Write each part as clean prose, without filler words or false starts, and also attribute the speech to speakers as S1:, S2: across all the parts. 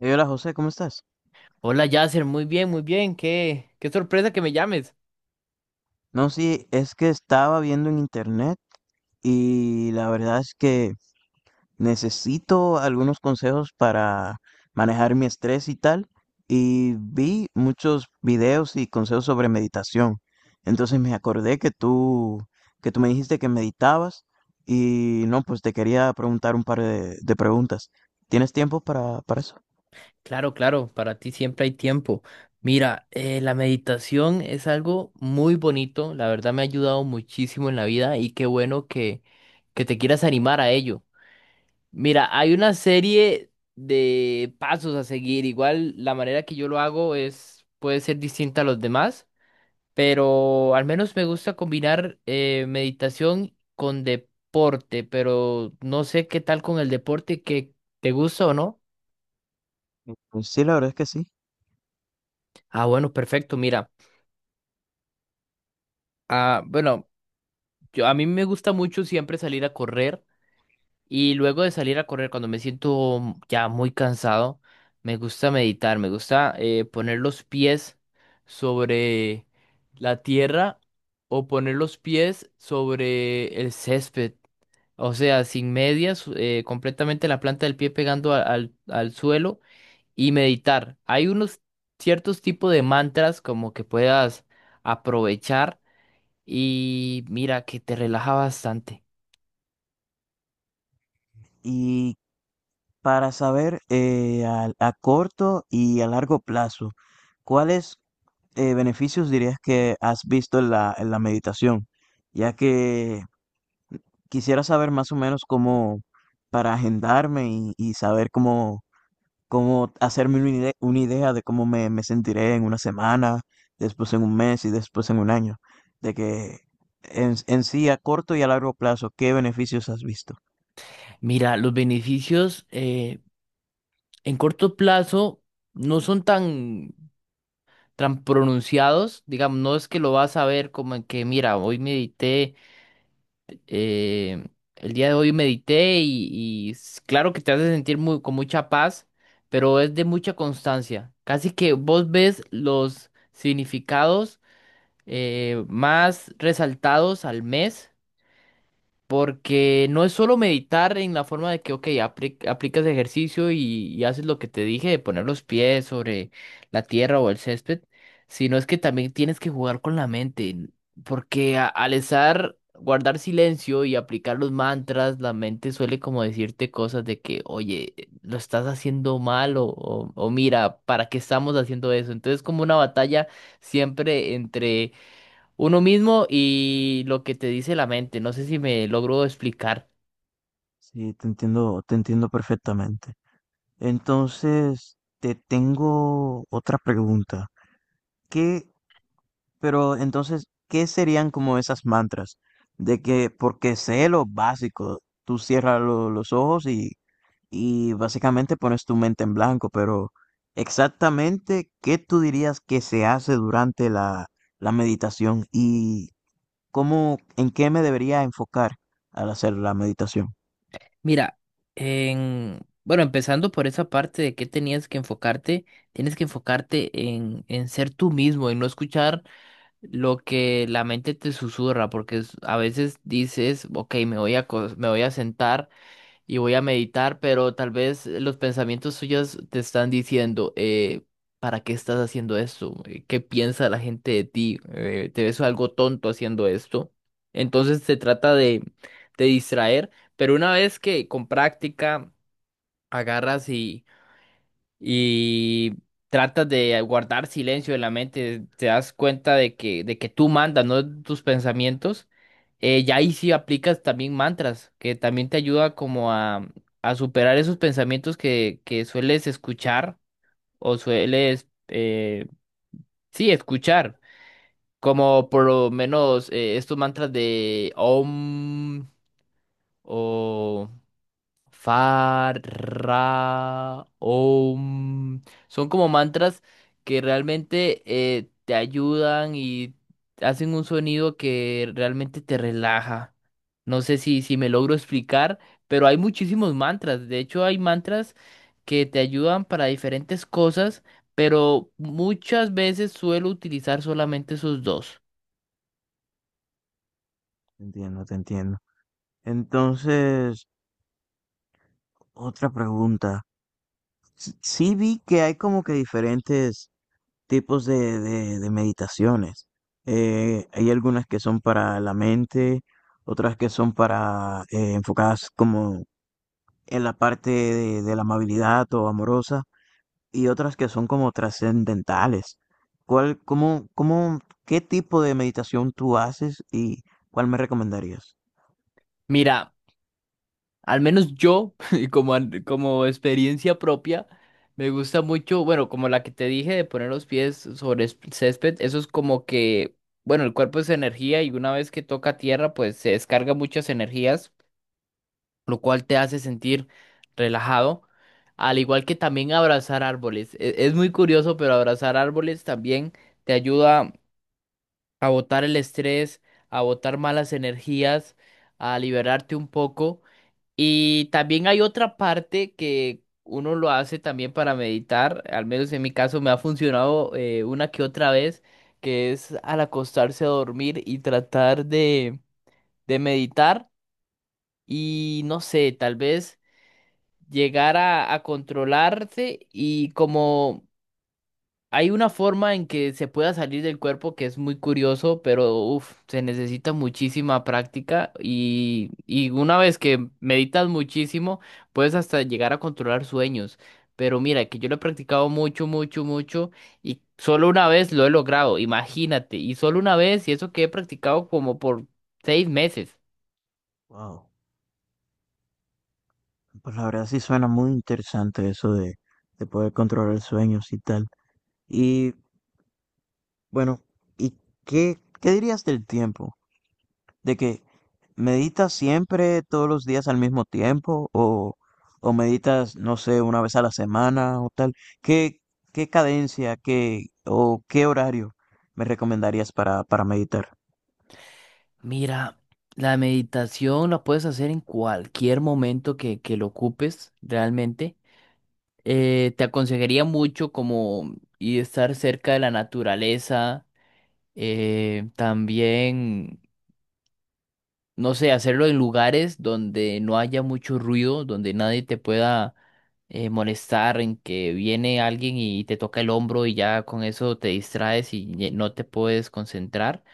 S1: Hola José, ¿cómo estás?
S2: Hola Yasser, muy bien, muy bien. Qué sorpresa que me llames.
S1: No, sí, es que estaba viendo en internet y la verdad es que necesito algunos consejos para manejar mi estrés y tal. Y vi muchos videos y consejos sobre meditación. Entonces me acordé que que tú me dijiste que meditabas y no, pues te quería preguntar un par de preguntas. ¿Tienes tiempo para eso?
S2: Claro, claro, para ti siempre hay tiempo. Mira, la meditación es algo muy bonito. La verdad me ha ayudado muchísimo en la vida y qué bueno que te quieras animar a ello. Mira, hay una serie de pasos a seguir. Igual la manera que yo lo hago es puede ser distinta a los demás. Pero al menos me gusta combinar meditación con deporte, pero no sé qué tal con el deporte que te gusta o no.
S1: Pues sí, la verdad es que sí.
S2: Ah, bueno, perfecto, mira. Ah, bueno, yo, a mí me gusta mucho siempre salir a correr. Y luego de salir a correr, cuando me siento ya muy cansado, me gusta meditar, me gusta poner los pies sobre la tierra o poner los pies sobre el césped. O sea, sin medias, completamente la planta del pie pegando al suelo y meditar. Hay unos ciertos tipos de mantras como que puedas aprovechar y mira que te relaja bastante.
S1: Y para saber a corto y a largo plazo, ¿cuáles beneficios dirías que has visto en en la meditación? Ya que quisiera saber más o menos cómo para agendarme y saber como hacerme una idea de cómo me sentiré en una semana, después en un mes y después en un año, de que en sí a corto y a largo plazo, ¿qué beneficios has visto?
S2: Mira, los beneficios, en corto plazo no son tan pronunciados, digamos, no es que lo vas a ver como en que, mira, hoy medité, eh, el día de hoy medité y claro que te hace sentir muy, con mucha paz, pero es de mucha constancia. Casi que vos ves los significados más resaltados al mes. Porque no es solo meditar en la forma de que, ok, aplicas ejercicio y haces lo que te dije de poner los pies sobre la tierra o el césped, sino es que también tienes que jugar con la mente, porque al estar, guardar silencio y aplicar los mantras, la mente suele como decirte cosas de que, oye, lo estás haciendo mal o mira, ¿para qué estamos haciendo eso? Entonces como una batalla siempre entre uno mismo y lo que te dice la mente. No sé si me logro explicar.
S1: Sí, te entiendo perfectamente. Entonces, te tengo otra pregunta. ¿Qué ¿Qué serían como esas mantras? De que, porque sé lo básico, tú cierras los ojos y básicamente pones tu mente en blanco, pero exactamente, ¿qué tú dirías que se hace durante la meditación y cómo, ¿en qué me debería enfocar al hacer la meditación?
S2: Mira, bueno, empezando por esa parte de que tenías que enfocarte, tienes que enfocarte en ser tú mismo, en no escuchar lo que la mente te susurra, porque a veces dices, ok, me voy a sentar. Y voy a meditar, pero tal vez los pensamientos suyos te están diciendo, ¿para qué estás haciendo esto? ¿Qué piensa la gente de ti? ¿Te ves algo tonto haciendo esto? Entonces se trata de distraer, pero una vez que con práctica agarras y tratas de guardar silencio en la mente, te das cuenta de que tú mandas, no tus pensamientos, ya ahí sí aplicas también mantras, que también te ayuda como a superar esos pensamientos que sueles escuchar o sueles, sí, escuchar, como por lo menos estos mantras de Om o... Fa, ra, om. Son como mantras que realmente te ayudan y hacen un sonido que realmente te relaja. No sé si me logro explicar, pero hay muchísimos mantras. De hecho, hay mantras que te ayudan para diferentes cosas, pero muchas veces suelo utilizar solamente esos dos.
S1: Te entiendo, te entiendo. Entonces, otra pregunta. Sí, vi que hay como que diferentes tipos de meditaciones. Hay algunas que son para la mente, otras que son para enfocadas como en la parte de la amabilidad o amorosa, y otras que son como trascendentales. ¿Cuál, cómo, cómo, ¿Qué tipo de meditación tú haces y cuál me recomendarías?
S2: Mira. Al menos yo, y como, como experiencia propia, me gusta mucho, bueno, como la que te dije de poner los pies sobre césped, eso es como que, bueno, el cuerpo es energía y una vez que toca tierra, pues se descarga muchas energías, lo cual te hace sentir relajado, al igual que también abrazar árboles. Es, muy curioso, pero abrazar árboles también te ayuda a botar el estrés, a botar malas energías, a liberarte un poco. Y también hay otra parte que uno lo hace también para meditar, al menos en mi caso me ha funcionado una que otra vez, que es al acostarse a dormir y tratar de meditar y no sé, tal vez llegar a controlarse y como hay una forma en que se pueda salir del cuerpo que es muy curioso, pero uf, se necesita muchísima práctica y una vez que meditas muchísimo, puedes hasta llegar a controlar sueños. Pero mira, que yo lo he practicado mucho, mucho, mucho y solo una vez lo he logrado, imagínate, y solo una vez y eso que he practicado como por 6 meses.
S1: Wow. Pues la verdad sí suena muy interesante eso de poder controlar sueños y tal. Y bueno, ¿y qué, qué dirías del tiempo? De que meditas siempre todos los días al mismo tiempo o meditas, no sé, una vez a la semana o tal. ¿Qué, qué cadencia, qué o qué horario me recomendarías para meditar?
S2: Mira, la meditación la puedes hacer en cualquier momento que lo ocupes realmente. Te aconsejaría mucho como y estar cerca de la naturaleza, también, no sé, hacerlo en lugares donde no haya mucho ruido, donde nadie te pueda molestar, en que viene alguien y te toca el hombro y ya con eso te distraes y no te puedes concentrar.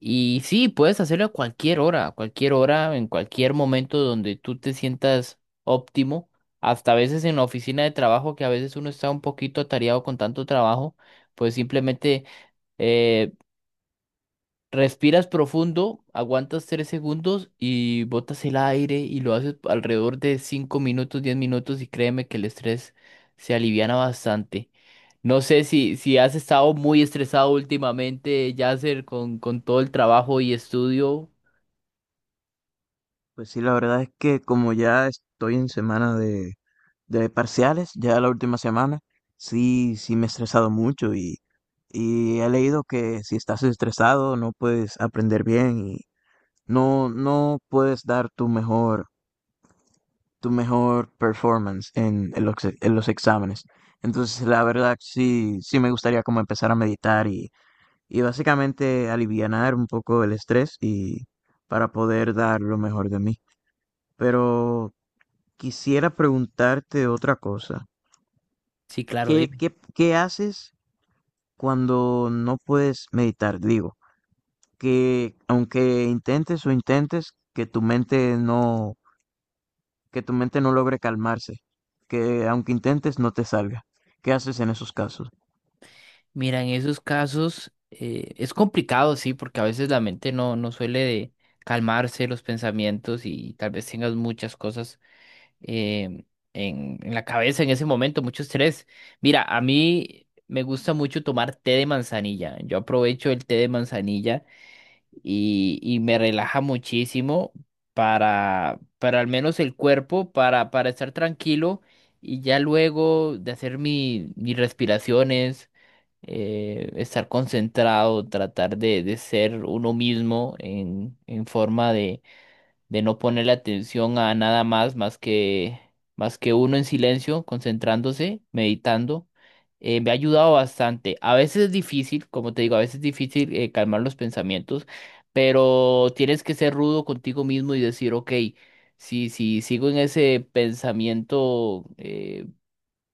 S2: Y sí, puedes hacerlo a cualquier hora, en cualquier momento donde tú te sientas óptimo, hasta a veces en la oficina de trabajo, que a veces uno está un poquito atareado con tanto trabajo, pues simplemente eh, respiras profundo, aguantas 3 segundos y botas el aire y lo haces alrededor de 5 minutos, 10 minutos y créeme que el estrés se aliviana bastante. No sé si has estado muy estresado últimamente, Yasser, con todo el trabajo y estudio.
S1: Pues sí, la verdad es que como ya estoy en semana de parciales, ya la última semana, sí, sí me he estresado mucho y he leído que si estás estresado no puedes aprender bien y no, no puedes dar tu tu mejor performance en los exámenes. Entonces, la verdad, sí, sí me gustaría como empezar a meditar y básicamente alivianar un poco el estrés y para poder dar lo mejor de mí. Pero quisiera preguntarte otra cosa.
S2: Sí, claro,
S1: ¿Qué,
S2: dime.
S1: qué, qué haces cuando no puedes meditar? Digo, que aunque intentes o intentes, que tu mente no, que tu mente no logre calmarse, que aunque intentes no te salga. ¿Qué haces en esos casos?
S2: Mira, en esos casos es complicado, sí, porque a veces la mente no suele de calmarse los pensamientos y tal vez tengas muchas cosas eh, en la cabeza en ese momento, mucho estrés. Mira, a mí me gusta mucho tomar té de manzanilla. Yo aprovecho el té de manzanilla y me relaja muchísimo para al menos el cuerpo, para estar tranquilo y ya luego de hacer mis respiraciones. Estar concentrado, tratar de ser uno mismo en forma de no ponerle atención a nada más más que uno en silencio, concentrándose, meditando, me ha ayudado bastante. A veces es difícil, como te digo, a veces es difícil calmar los pensamientos, pero tienes que ser rudo contigo mismo y decir, ok, si sigo en ese pensamiento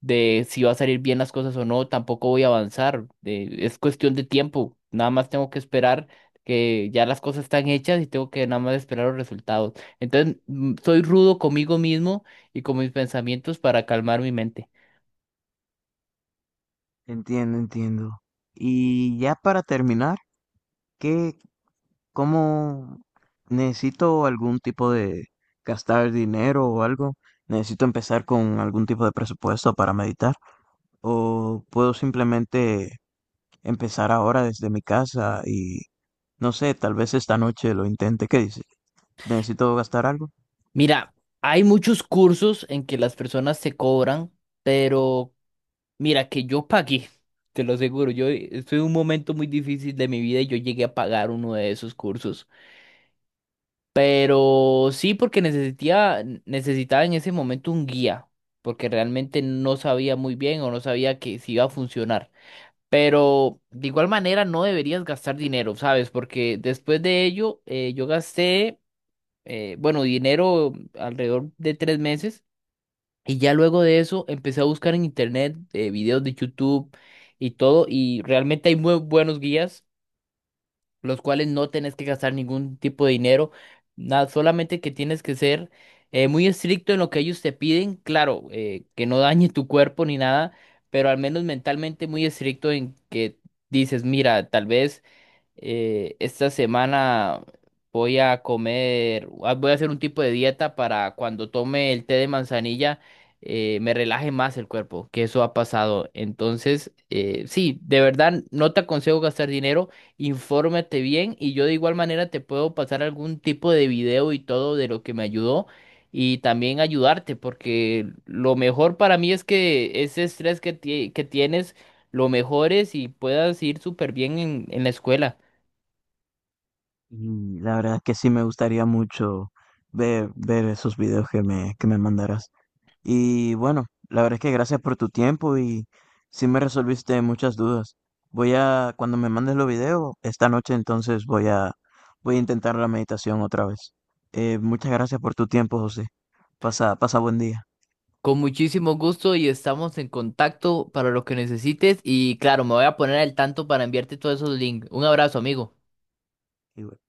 S2: de si va a salir bien las cosas o no, tampoco voy a avanzar. Es cuestión de tiempo. Nada más tengo que esperar que ya las cosas están hechas y tengo que nada más esperar los resultados. Entonces, soy rudo conmigo mismo y con mis pensamientos para calmar mi mente.
S1: Entiendo, entiendo. Y ya para terminar, ¿qué, cómo ¿necesito algún tipo de gastar dinero o algo? ¿Necesito empezar con algún tipo de presupuesto para meditar? ¿O puedo simplemente empezar ahora desde mi casa y no sé, tal vez esta noche lo intente? ¿Qué dices? ¿Necesito gastar algo?
S2: Mira, hay muchos cursos en que las personas se cobran, pero mira que yo pagué. Te lo aseguro, yo estoy en un momento muy difícil de mi vida y yo llegué a pagar uno de esos cursos. Pero sí, porque necesitaba, necesitaba en ese momento un guía, porque realmente no sabía muy bien o no sabía que si iba a funcionar. Pero de igual manera no deberías gastar dinero, ¿sabes? Porque después de ello yo gasté, bueno, dinero alrededor de 3 meses y ya luego de eso empecé a buscar en internet videos de YouTube y todo y realmente hay muy buenos guías los cuales no tenés que gastar ningún tipo de dinero, nada, solamente que tienes que ser muy estricto en lo que ellos te piden, claro, que no dañe tu cuerpo ni nada, pero al menos mentalmente muy estricto en que dices, mira, tal vez... esta semana voy a comer, ah, voy a hacer un tipo de dieta para cuando tome el té de manzanilla, me relaje más el cuerpo, que eso ha pasado. Entonces, sí, de verdad no te aconsejo gastar dinero, infórmate bien y yo de igual manera te puedo pasar algún tipo de video y todo de lo que me ayudó y también ayudarte, porque lo mejor para mí es que ese estrés que tienes lo mejores y puedas ir súper bien en la escuela.
S1: Y la verdad es que sí me gustaría mucho ver esos videos que que me mandarás. Y bueno, la verdad es que gracias por tu tiempo y sí me resolviste muchas dudas. Voy a, cuando me mandes los videos, esta noche entonces voy voy a intentar la meditación otra vez. Muchas gracias por tu tiempo, José. Pasa, pasa buen día.
S2: Con muchísimo gusto y estamos en contacto para lo que necesites. Y claro, me voy a poner al tanto para enviarte todos esos links. Un abrazo, amigo.
S1: Y bueno.